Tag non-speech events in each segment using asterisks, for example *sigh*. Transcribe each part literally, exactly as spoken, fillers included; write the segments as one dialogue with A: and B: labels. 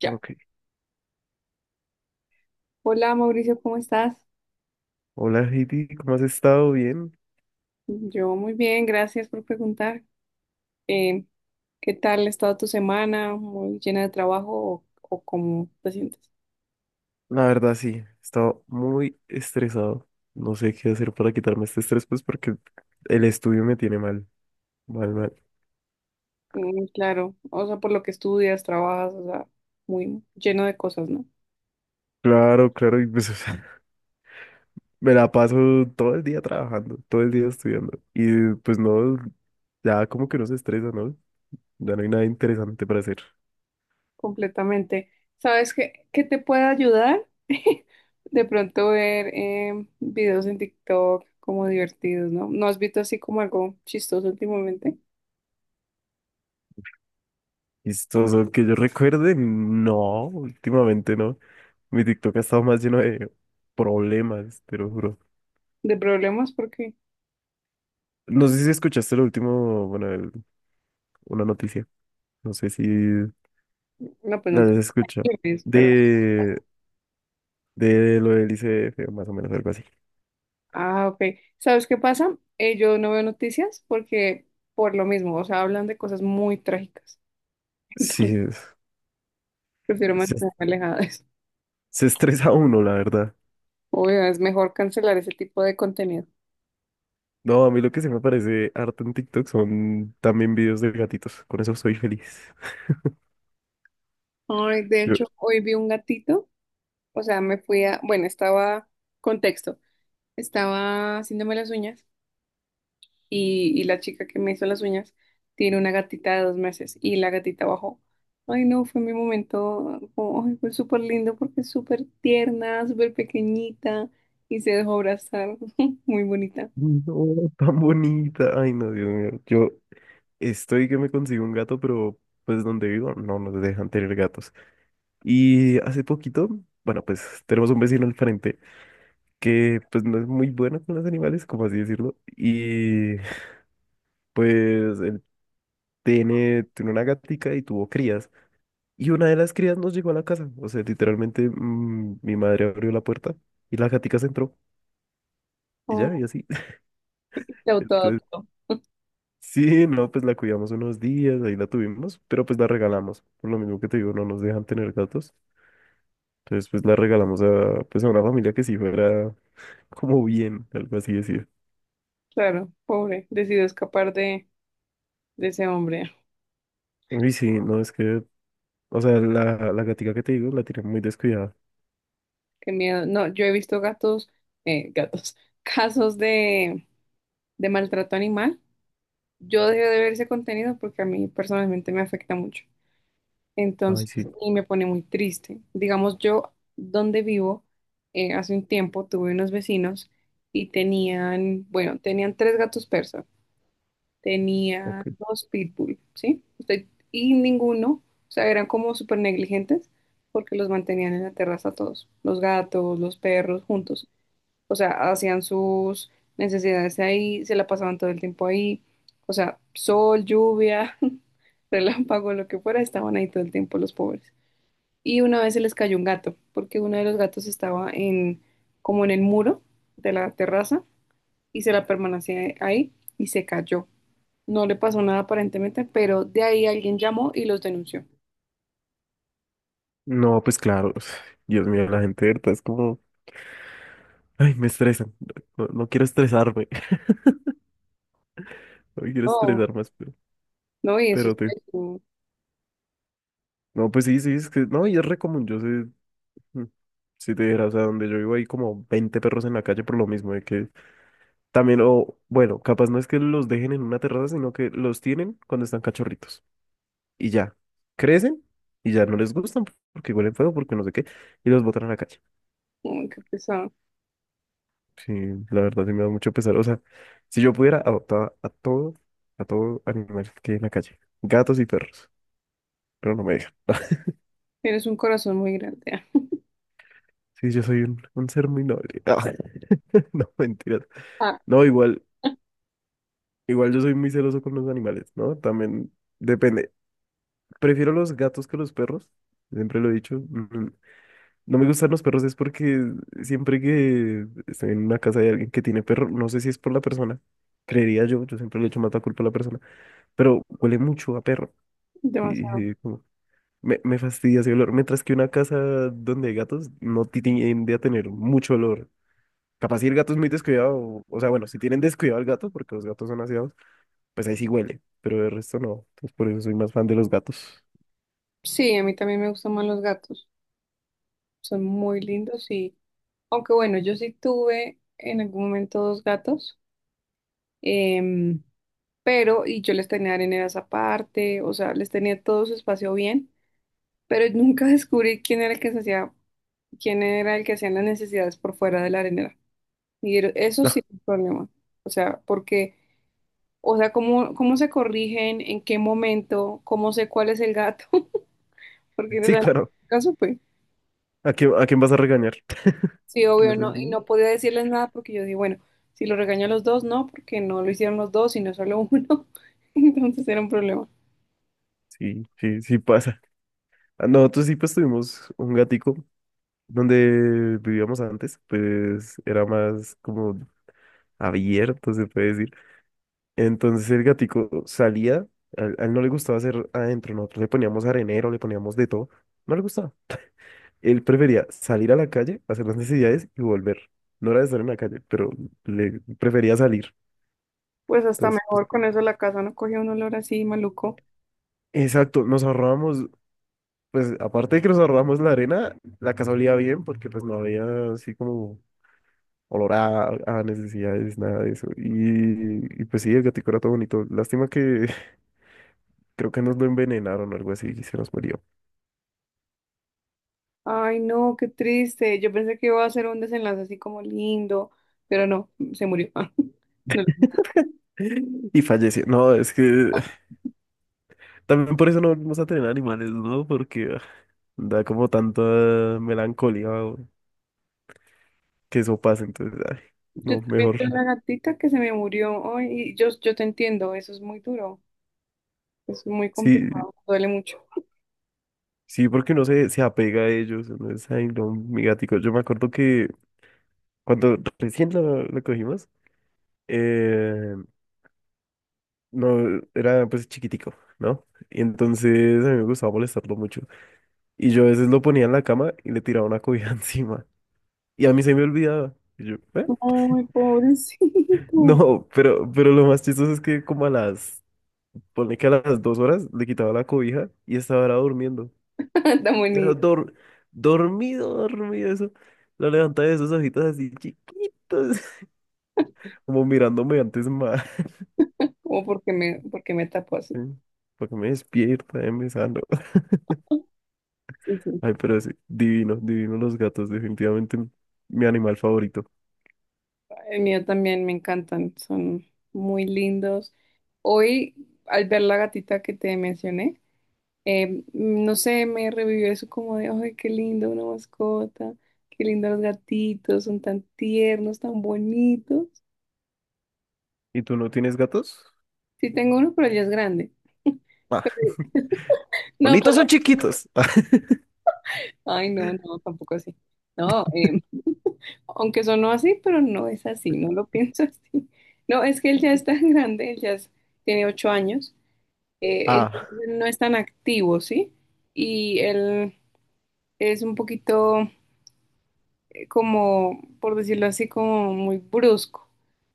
A: Ya.
B: Ok.
A: Hola Mauricio, ¿cómo estás?
B: Hola, Heidi, ¿cómo has estado? ¿Bien?
A: Yo muy bien, gracias por preguntar. Eh, ¿Qué tal ha estado tu semana? ¿Muy llena de trabajo o, o cómo te sientes?
B: La verdad, sí, he estado muy estresado. No sé qué hacer para quitarme este estrés, pues porque el estudio me tiene mal, mal, mal.
A: Mm, claro, o sea, por lo que estudias, trabajas, o sea, muy lleno de cosas, ¿no?
B: Claro, claro, y pues o sea, *laughs* me la paso todo el día trabajando, todo el día estudiando. Y pues no, ya como que no se estresa, ¿no? Ya no hay nada interesante para hacer.
A: Completamente. ¿Sabes qué, qué te puede ayudar? *laughs* De pronto ver em, videos en TikTok como divertidos, ¿no? ¿No has visto así como algo chistoso últimamente
B: Chistoso, que yo recuerde, no, últimamente no. Mi TikTok ha estado más lleno de problemas, te lo juro.
A: de problemas? Porque,
B: No sé si escuchaste lo último, bueno, el- una noticia, no sé si
A: no, pues
B: la
A: no te...
B: has escuchado,
A: preocupes.
B: de, de lo del I C F, más o menos algo así.
A: Ah, ok. ¿Sabes qué pasa? Eh, yo no veo noticias porque por lo mismo, o sea, hablan de cosas muy trágicas. *laughs*
B: Sí,
A: Entonces,
B: es-
A: prefiero
B: se,
A: mantenerme alejada de eso.
B: se estresa uno, la verdad.
A: Obvio, es mejor cancelar ese tipo de contenido.
B: No, a mí lo que se me parece harto en TikTok son también videos de gatitos, con eso soy feliz.
A: Ay, de
B: *laughs* Yo,
A: hecho, hoy vi un gatito, o sea, me fui a, bueno, estaba, contexto, estaba haciéndome las uñas y, y la chica que me hizo las uñas tiene una gatita de dos meses y la gatita bajó. Ay, no, fue mi momento, como, ay, fue súper lindo porque es súper tierna, súper pequeñita y se dejó abrazar, *laughs* muy bonita.
B: no, tan bonita, ay no, Dios mío, yo estoy que me consigo un gato, pero pues donde vivo no nos dejan tener gatos. Y hace poquito, bueno, pues tenemos un vecino al frente. Que pues no es muy buena con los animales, como así decirlo, y pues él tiene, tiene una gatica y tuvo crías, y una de las crías nos llegó a la casa, o sea, literalmente mm, mi madre abrió la puerta y la gatica se entró, y ya,
A: Oh,
B: y así,
A: se
B: *laughs* entonces,
A: autoadoptó.
B: sí, no, pues la cuidamos unos días, ahí la tuvimos, pero pues la regalamos, por lo mismo que te digo, no nos dejan tener gatos, entonces pues la regalamos a, pues a una familia que sí fuera como bien, algo así decir.
A: Claro, pobre, decidió escapar de, de ese hombre.
B: Uy, sí, no, es que O sea, la, la gatica que te digo la tiene muy descuidada.
A: Qué miedo. No, yo he visto gatos, eh, gatos, *laughs* casos de, de maltrato animal. Yo dejé de ver ese contenido porque a mí personalmente me afecta mucho.
B: Ay,
A: Entonces,
B: sí,
A: y me pone muy triste. Digamos, yo donde vivo, eh, hace un tiempo tuve unos vecinos y tenían, bueno, tenían tres gatos persas, tenían
B: ok.
A: dos pitbull, ¿sí? Usted- y ninguno, o sea, eran como súper negligentes porque los mantenían en la terraza todos, los gatos, los perros, juntos. O sea, hacían sus necesidades ahí, se la pasaban todo el tiempo ahí. O sea, sol, lluvia, *laughs* relámpago, lo que fuera, estaban ahí todo el tiempo los pobres y una vez se les cayó un gato, porque uno de los gatos estaba en, como en el muro de la terraza y se la permanecía ahí y se cayó. No le pasó nada aparentemente, pero de ahí alguien llamó y los denunció.
B: No, pues claro. *sighs* Dios mío, la gente de verdad es como. Ay, me estresan. No, no quiero estresarme. *laughs* No quiero
A: Oh,
B: estresar más, pero,
A: no, y eso es
B: pero te.
A: pésimo.
B: No, pues sí, sí, es que. No, y es re común. Yo sé. mm, Si te dijeras, o sea, donde yo vivo hay como veinte perros en la calle por lo mismo, de que también, o bueno, capaz no es que los dejen en una terraza, sino que los tienen cuando están cachorritos. Y ya, crecen y ya no les gustan porque huelen feo, porque no sé qué, y los botan a la calle.
A: Uy, qué pesado.
B: Sí, la verdad sí me da mucho pesar. O sea, si yo pudiera, adoptaba a todo, a todo animal que hay en la calle, gatos y perros, pero no me dejan. *laughs*
A: Tienes un corazón muy grande. *laughs*
B: Sí, yo soy un, un ser muy noble. *laughs* Ah, no, mentiras.
A: Ah,
B: No, igual, igual yo soy muy celoso con los animales, ¿no? También depende. Prefiero los gatos que los perros, siempre lo he dicho. Mm, No me gustan los perros es porque siempre que estoy en una casa de alguien que tiene perro, no sé si es por la persona, creería yo, yo siempre le echo más la culpa a la persona, pero huele mucho a perro. Sí,
A: demasiado.
B: sí, como- me, me fastidia ese olor. Mientras que una casa donde hay gatos no ti- tiende a tener mucho olor. Capaz si el gato es muy descuidado, o, o sea, bueno, si tienen descuidado al gato, porque los gatos son aseados, pues ahí sí huele, pero el resto no. Entonces por eso soy más fan de los gatos.
A: Sí, a mí también me gustan más los gatos. Son muy lindos y, aunque bueno, yo sí tuve en algún momento dos gatos. Em, pero y yo les tenía areneras aparte, o sea, les tenía todo su espacio bien, pero *laughs* nunca descubrí quién era el que se hacía, quién era el que hacía las necesidades por fuera de la arenera. Y era- eso
B: No,
A: sí es un problema. O sea, porque, o sea, cómo, cómo se corrigen, en qué momento, cómo sé cuál es el gato, *laughs* porque o
B: sí,
A: sea,
B: claro.
A: nunca supe.
B: ¿A quién, a quién vas a regañar?
A: Sí,
B: ¿Quién
A: obvio,
B: es el
A: no, y
B: niño?
A: no podía decirles nada porque yo dije, bueno, si lo regaño a los dos, no, porque no lo hicieron los dos, sino solo uno. *laughs* Entonces era un problema.
B: Sí, sí, sí pasa. Ah, no, Nosotros sí pues tuvimos un gatico donde vivíamos antes, pues era más como abierto, se puede decir. Entonces el gatico salía, a él, a él no le gustaba hacer adentro, nosotros le poníamos arenero, le poníamos de todo, no le gustaba. Él prefería salir a la calle, hacer las necesidades y volver. No era de estar en la calle, pero le prefería salir.
A: Pues hasta
B: Entonces, pues,
A: mejor con eso la casa no cogía un olor así maluco.
B: exacto, nos ahorrábamos, pues aparte de que nos ahorrábamos la arena, la casa olía bien porque pues no había así como olor a, a necesidades, nada de eso. Y, y pues sí, el gatico era todo bonito. Lástima que *laughs* creo que nos lo envenenaron o algo así y se nos murió.
A: Ay, no, qué triste. Yo pensé que iba a ser un desenlace así como lindo, pero no, se murió. *laughs* No,
B: *laughs* Y fallece. No, es que también por eso no volvimos a tener animales, ¿no? Porque ah, da como tanta melancolía o- que eso pase. Entonces, ay,
A: yo
B: no,
A: también
B: mejor.
A: tuve una gatita que se me murió. Ay, y yo, yo te entiendo, eso es muy duro, eso es muy
B: Sí,
A: complicado, duele mucho.
B: sí, porque uno se, se apega a ellos. Uno es, ay, no, mi gatico. Yo me acuerdo que cuando recién lo, lo cogimos, eh, no, era pues chiquitico, ¿no? Y entonces a mí me gustaba molestarlo mucho. Y yo a veces lo ponía en la cama y le tiraba una cobija *laughs* encima. Y a mí se me olvidaba. Y yo, ¿eh?
A: Ay, pobrecito.
B: No, pero, pero lo más chistoso es que como a las, ponle que a las dos horas le quitaba la cobija y estaba ahora durmiendo.
A: *laughs* Tan
B: Pero
A: bonito.
B: dor, dormido, dormido, eso. Lo levantaba de esos ojitos así chiquitos, *laughs* como mirándome antes más.
A: Como porque me, porque me tapó así.
B: *laughs* Para que me despierta, eh, me sano. *laughs*
A: Sí, sí.
B: Ay, pero sí, divino, divino los gatos, definitivamente mi animal favorito.
A: El mío también me encantan, son muy lindos. Hoy, al ver la gatita que te mencioné, Eh, no sé, me revivió eso como de, ay, qué lindo una mascota, qué lindo los gatitos, son tan tiernos, tan bonitos.
B: ¿Y tú no tienes gatos?
A: Sí tengo uno, pero ya es grande.
B: Ah,
A: *laughs*
B: *laughs*
A: No,
B: bonitos
A: pero,
B: son chiquitos. *laughs*
A: ay, no, no, tampoco así. No, eh, aunque sonó así, pero no es así, no lo *laughs* pienso así. No, es que él ya es tan grande, él ya es- tiene ocho años, eh,
B: Ah.
A: entonces él no es tan activo, ¿sí? Y él es un poquito... como, por decirlo así, como muy brusco.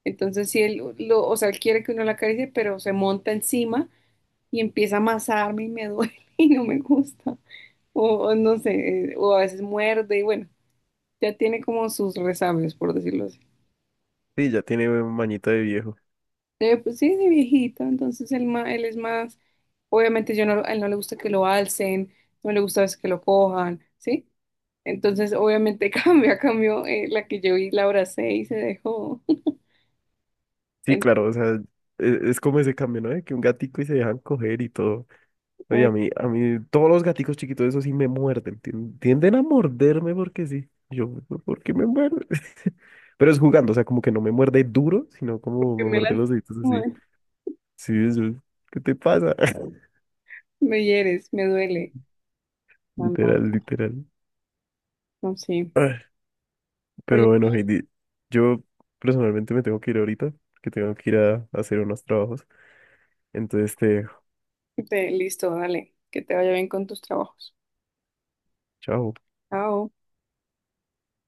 A: Entonces, si él lo, o sea, él quiere que uno la acaricie, pero se monta encima y empieza a amasarme y me duele *laughs* y no me gusta. O, o no sé, eh, o a veces muerde y bueno, ya tiene como sus resabios, por decirlo así.
B: Sí, ya tiene un mañito de viejo.
A: Eh, pues sí, de viejito, entonces él, ma- él es más, obviamente yo no, a él no le gusta que lo alcen, no le gusta a veces que lo cojan, ¿sí? Entonces, obviamente *laughs* cambia, cambió eh, la que yo vi, la abracé y se dejó.
B: Sí, claro, o sea, e- es, como ese cambio, ¿no? De que un gatico y se dejan coger y todo. Oye, a
A: *laughs*
B: mí, a mí, todos los gaticos chiquitos, esos sí me muerden. tien- Tienden a morderme porque sí. Yo, ¿por qué me muerde? *laughs* Pero es jugando, o sea, como que no me muerde duro, sino como
A: Que
B: me
A: me
B: muerde los deditos así.
A: lastimas,
B: Sí, eso. ¿Qué te pasa? *laughs*
A: me hieres, me duele. No, no,
B: Literal, literal.
A: no, sí.
B: Ay,
A: Oye,
B: Pero bueno, Heidi, yo personalmente me tengo que ir ahorita, que tengo que ir a a hacer unos trabajos. Entonces, te dejo.
A: te- listo, dale, que te vaya bien con tus trabajos.
B: Chao.
A: Chao.